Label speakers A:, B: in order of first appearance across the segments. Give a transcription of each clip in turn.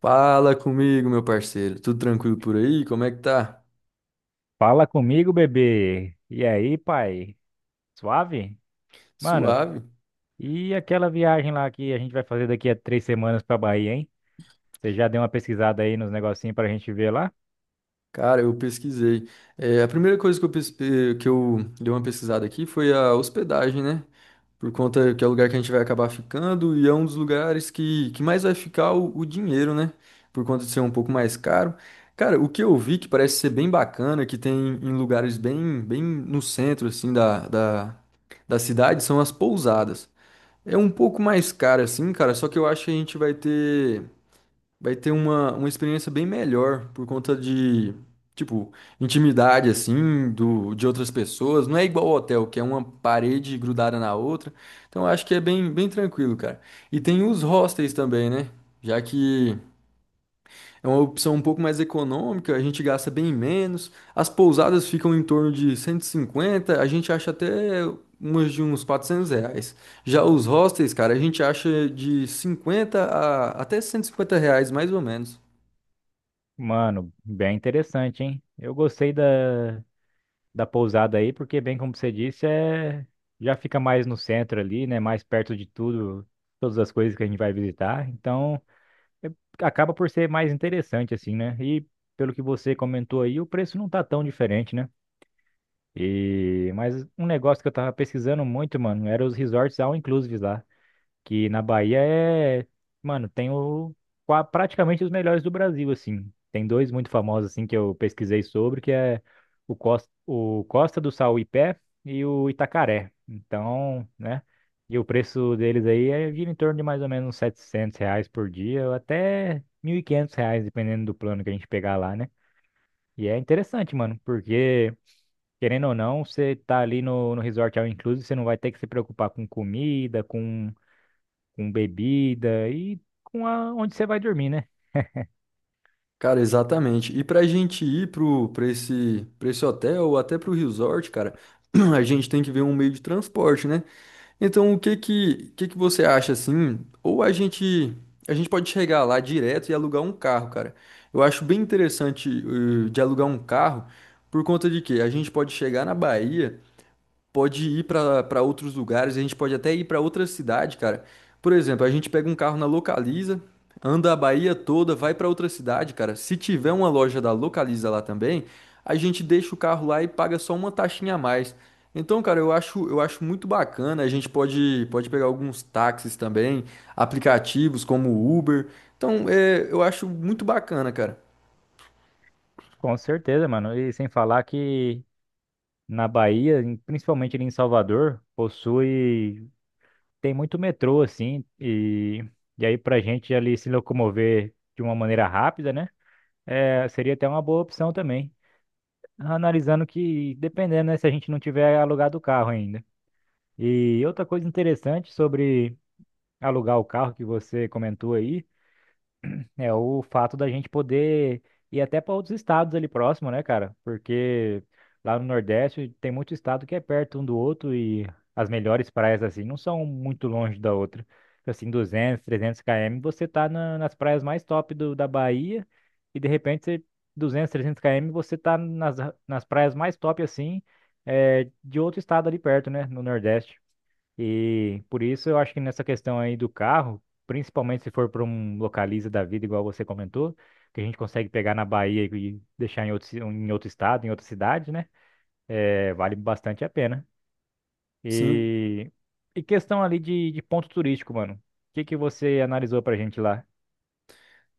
A: Fala comigo, meu parceiro. Tudo tranquilo por aí? Como é que tá?
B: Fala comigo, bebê. E aí, pai? Suave? Mano,
A: Suave.
B: e aquela viagem lá que a gente vai fazer daqui a 3 semanas pra Bahia, hein? Você já deu uma pesquisada aí nos negocinhos pra gente ver lá?
A: Cara, eu pesquisei. É, a primeira coisa que eu dei uma pesquisada aqui foi a hospedagem, né? Por conta que é o lugar que a gente vai acabar ficando e é um dos lugares que mais vai ficar o dinheiro, né? Por conta de ser um pouco mais caro. Cara, o que eu vi que parece ser bem bacana, que tem em lugares bem no centro, assim, da cidade, são as pousadas. É um pouco mais caro assim, cara, só que eu acho que a gente vai ter uma experiência bem melhor por conta de, tipo, intimidade assim, do de outras pessoas. Não é igual ao hotel, que é uma parede grudada na outra. Então eu acho que é bem bem tranquilo, cara. E tem os hostels também, né? Já que é uma opção um pouco mais econômica, a gente gasta bem menos. As pousadas ficam em torno de cento e cinquenta, a gente acha até umas de uns 400 reais. Já os hostels, cara, a gente acha de 50 a até 150 reais, mais ou menos.
B: Mano, bem interessante, hein? Eu gostei da pousada aí, porque, bem como você disse, já fica mais no centro ali, né? Mais perto de tudo, todas as coisas que a gente vai visitar. Então, é- acaba por ser mais interessante, assim, né? E pelo que você comentou aí, o preço não tá tão diferente, né? E mas um negócio que eu tava pesquisando muito, mano, era os resorts all inclusive lá, que na Bahia é, mano, tem o praticamente os melhores do Brasil assim. Tem dois muito famosos assim que eu pesquisei sobre, que é o Costa do Sauípe e o Itacaré. Então, né? E o preço deles aí é gira em torno de mais ou menos uns 700 reais por dia, ou até 1.500 reais, dependendo do plano que a gente pegar lá, né? E é interessante, mano, porque querendo ou não, você tá ali no, resort all inclusive, você não vai ter que se preocupar com comida, com bebida e onde você vai dormir, né?
A: Cara, exatamente. E pra gente ir pra esse hotel ou até pro resort, cara, a gente tem que ver um meio de transporte, né? Então, que você acha assim? Ou a gente A gente pode chegar lá direto e alugar um carro, cara. Eu acho bem interessante de alugar um carro por conta de que a gente pode chegar na Bahia, pode ir pra para outros lugares, a gente pode até ir pra outra cidade, cara. Por exemplo, a gente pega um carro na Localiza, anda a Bahia toda, vai pra outra cidade, cara. Se tiver uma loja da Localiza lá também, a gente deixa o carro lá e paga só uma taxinha a mais. Então, cara, eu acho muito bacana. A gente pode pegar alguns táxis também, aplicativos como o Uber. Então, é, eu acho muito bacana, cara.
B: Com certeza, mano. E sem falar que na Bahia, principalmente ali em Salvador, tem muito metrô, assim, e aí pra gente ali se locomover de uma maneira rápida, né? É, seria até uma boa opção também. Analisando que, dependendo, né, se a gente não tiver alugado o carro ainda. E outra coisa interessante sobre alugar o carro que você comentou aí, é o fato da gente poder ir até para outros estados ali próximo, né, cara? Porque lá no Nordeste tem muito estado que é perto um do outro e as melhores praias assim não são muito longe da outra. Assim, 200 300 km, você tá nas praias mais top do, da Bahia e de repente você, 200 300 km, você tá nas praias mais top assim, é, de outro estado ali perto, né, no Nordeste. E por isso eu acho que nessa questão aí do carro, principalmente se for para um localiza da vida, igual você comentou, que a gente consegue pegar na Bahia e deixar em outro, em outro estado, em outra cidade, né? É, vale bastante a pena.
A: Sim.
B: E, e questão ali de, ponto turístico, mano. O que que você analisou pra gente lá?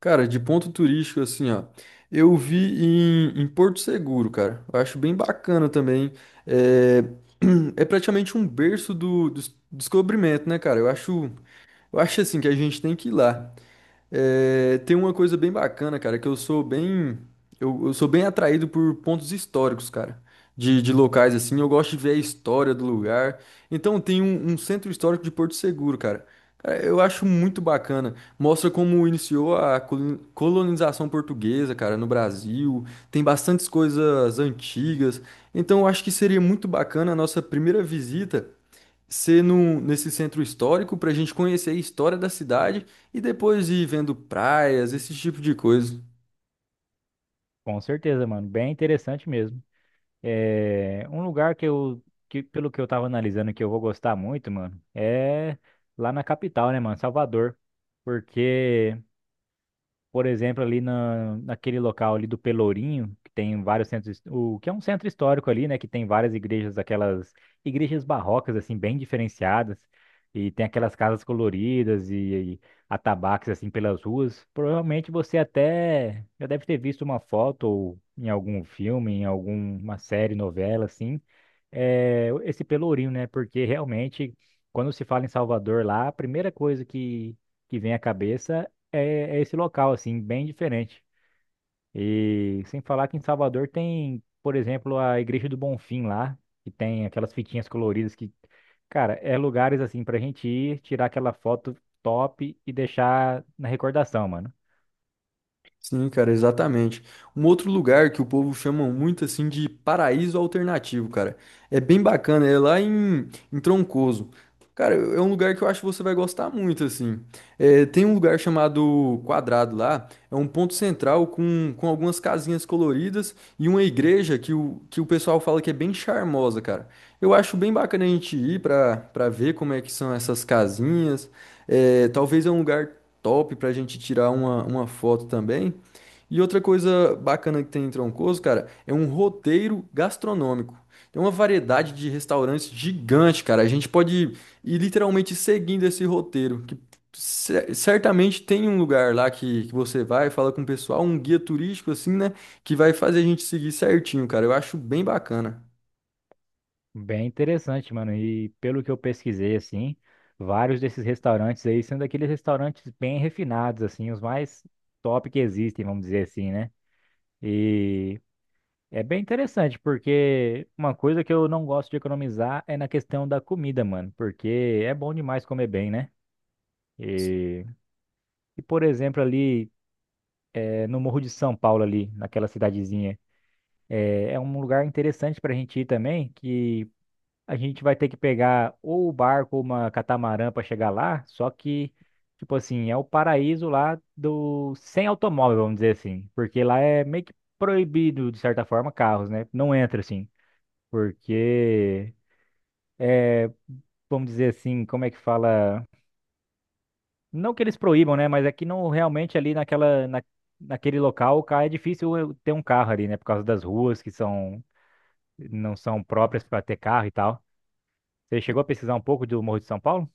A: Cara, de ponto turístico, assim, ó. Eu vi em Porto Seguro, cara. Eu acho bem bacana também. É, é praticamente um berço do descobrimento, né, cara? Eu acho assim que a gente tem que ir lá. É, tem uma coisa bem bacana, cara, que eu sou bem, eu sou bem atraído por pontos históricos, cara, de locais assim. Eu gosto de ver a história do lugar. Então tem um centro histórico de Porto Seguro, cara. Cara, eu acho muito bacana. Mostra como iniciou a colonização portuguesa, cara, no Brasil. Tem bastantes coisas antigas. Então eu acho que seria muito bacana a nossa primeira visita ser nesse centro histórico para a gente conhecer a história da cidade e depois ir vendo praias, esse tipo de coisa.
B: Com certeza, mano. Bem interessante mesmo. É, um lugar que eu, que, pelo que eu tava analisando, que eu vou gostar muito, mano, é lá na capital, né, mano? Salvador. Porque. Por exemplo, ali naquele local ali do Pelourinho, que tem vários centros, o que é um centro histórico ali, né, que tem várias igrejas, aquelas igrejas barrocas assim bem diferenciadas, e tem aquelas casas coloridas e, atabaques assim pelas ruas. Provavelmente você até já deve ter visto uma foto ou em algum filme, em alguma série, novela assim, é, esse Pelourinho, né? Porque realmente quando se fala em Salvador lá, a primeira coisa que vem à cabeça é esse local, assim, bem diferente. E sem falar que em Salvador tem, por exemplo, a Igreja do Bonfim lá, que tem aquelas fitinhas coloridas que, cara, é lugares assim pra gente ir, tirar aquela foto top e deixar na recordação, mano.
A: Sim, cara, exatamente. Um outro lugar que o povo chama muito assim de paraíso alternativo, cara. É bem bacana, é lá em Troncoso. Cara, é um lugar que eu acho que você vai gostar muito, assim. É, tem um lugar chamado Quadrado lá, é um ponto central com algumas casinhas coloridas e uma igreja que o pessoal fala que é bem charmosa, cara. Eu acho bem bacana a gente ir pra ver como é que são essas casinhas. É, talvez é um lugar top pra gente tirar uma foto também. E outra coisa bacana que tem em Troncoso, cara, é um roteiro gastronômico. Tem uma variedade de restaurantes gigante, cara. A gente pode ir literalmente seguindo esse roteiro, que certamente tem um lugar lá que você vai, fala com o pessoal, um guia turístico assim, né, que vai fazer a gente seguir certinho, cara. Eu acho bem bacana.
B: Bem interessante, mano. E pelo que eu pesquisei, assim, vários desses restaurantes aí sendo aqueles restaurantes bem refinados, assim, os mais top que existem, vamos dizer assim, né? E É bem interessante, porque uma coisa que eu não gosto de economizar é na questão da comida, mano. Porque é bom demais comer bem, né? E, e, por exemplo, ali no Morro de São Paulo, ali, naquela cidadezinha, é, um lugar interessante pra gente ir também, que a gente vai ter que pegar ou o barco ou uma catamarã pra chegar lá, só que, tipo assim, é o paraíso lá do sem automóvel, vamos dizer assim. Porque lá é meio que proibido, de certa forma, carros, né? Não entra assim. Porque vamos dizer assim, como é que fala? Não que eles proíbam, né? Mas é que não realmente ali naquele local, cara, é difícil eu ter um carro ali, né? Por causa das ruas que não são próprias para ter carro e tal. Você chegou a pesquisar um pouco do Morro de São Paulo?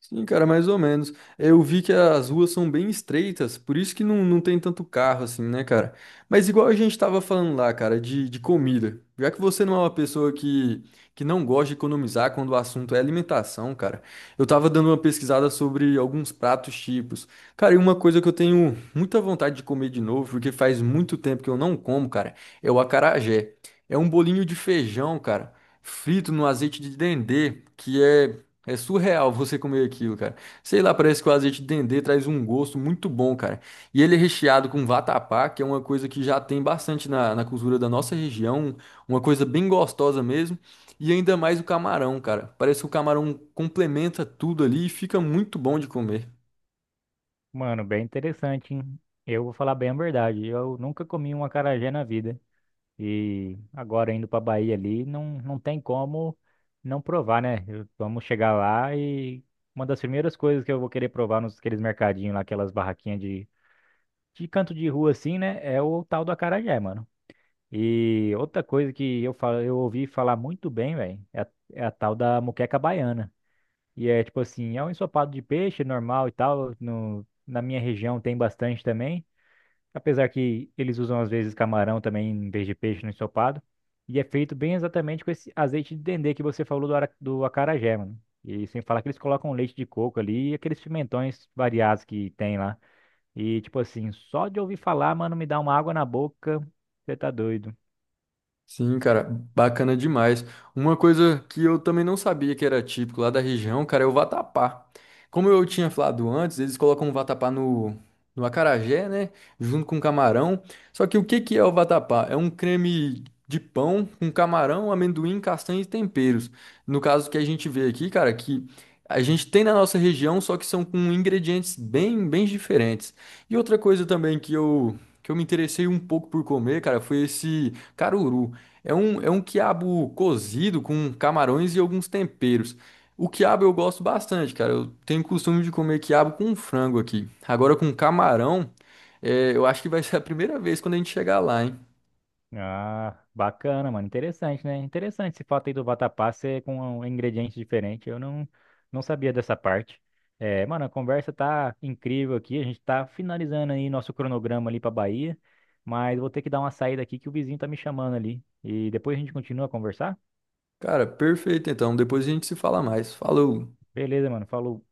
A: Sim, cara, mais ou menos. Eu vi que as ruas são bem estreitas, por isso que não, não tem tanto carro assim, né, cara? Mas igual a gente tava falando lá, cara, de comida. Já que você não é uma pessoa que não gosta de economizar quando o assunto é alimentação, cara, eu tava dando uma pesquisada sobre alguns pratos típicos. Cara, e uma coisa que eu tenho muita vontade de comer de novo, porque faz muito tempo que eu não como, cara, é o acarajé. É um bolinho de feijão, cara, frito no azeite de dendê, que é é surreal você comer aquilo, cara. Sei lá, parece que o azeite de dendê traz um gosto muito bom, cara. E ele é recheado com vatapá, que é uma coisa que já tem bastante na cultura da nossa região, uma coisa bem gostosa mesmo. E ainda mais o camarão, cara. Parece que o camarão complementa tudo ali e fica muito bom de comer.
B: Mano, bem interessante, hein? Eu vou falar bem a verdade. Eu nunca comi um acarajé na vida. E agora indo pra Bahia ali, não tem como não provar, né? Vamos chegar lá e uma das primeiras coisas que eu vou querer provar nos aqueles mercadinhos lá, aquelas barraquinhas de canto de rua assim, né, é o tal do acarajé, mano. E outra coisa que eu falo, eu ouvi falar muito bem, velho, é a tal da moqueca baiana. E é tipo assim, é um ensopado de peixe normal e tal, no, na minha região tem bastante também, apesar que eles usam às vezes camarão também em vez de peixe no ensopado. E é feito bem exatamente com esse azeite de dendê que você falou do acarajé, mano. E sem falar que eles colocam leite de coco ali e aqueles pimentões variados que tem lá. E, tipo assim, só de ouvir falar, mano, me dá uma água na boca. Você tá doido.
A: Sim, cara, bacana demais. Uma coisa que eu também não sabia que era típico lá da região, cara, é o vatapá. Como eu tinha falado antes, eles colocam o vatapá no acarajé, né? Junto com camarão. Só que o que que é o vatapá? É um creme de pão com camarão, amendoim, castanha e temperos. No caso que a gente vê aqui, cara, que a gente tem na nossa região, só que são com ingredientes bem diferentes. E outra coisa também que eu me interessei um pouco por comer, cara, foi esse caruru. É um quiabo cozido com camarões e alguns temperos. O quiabo eu gosto bastante, cara. Eu tenho costume de comer quiabo com frango aqui. Agora com camarão, é, eu acho que vai ser a primeira vez quando a gente chegar lá, hein?
B: Ah, bacana, mano. Interessante, né? Interessante esse fato aí do vatapá ser com ingredientes diferentes. Eu não sabia dessa parte. É, mano, a conversa tá incrível aqui. A gente tá finalizando aí nosso cronograma ali pra Bahia. Mas vou ter que dar uma saída aqui que o vizinho tá me chamando ali. E depois a gente continua a conversar?
A: Cara, perfeito então. Depois a gente se fala mais. Falou!
B: Beleza, mano. Falou.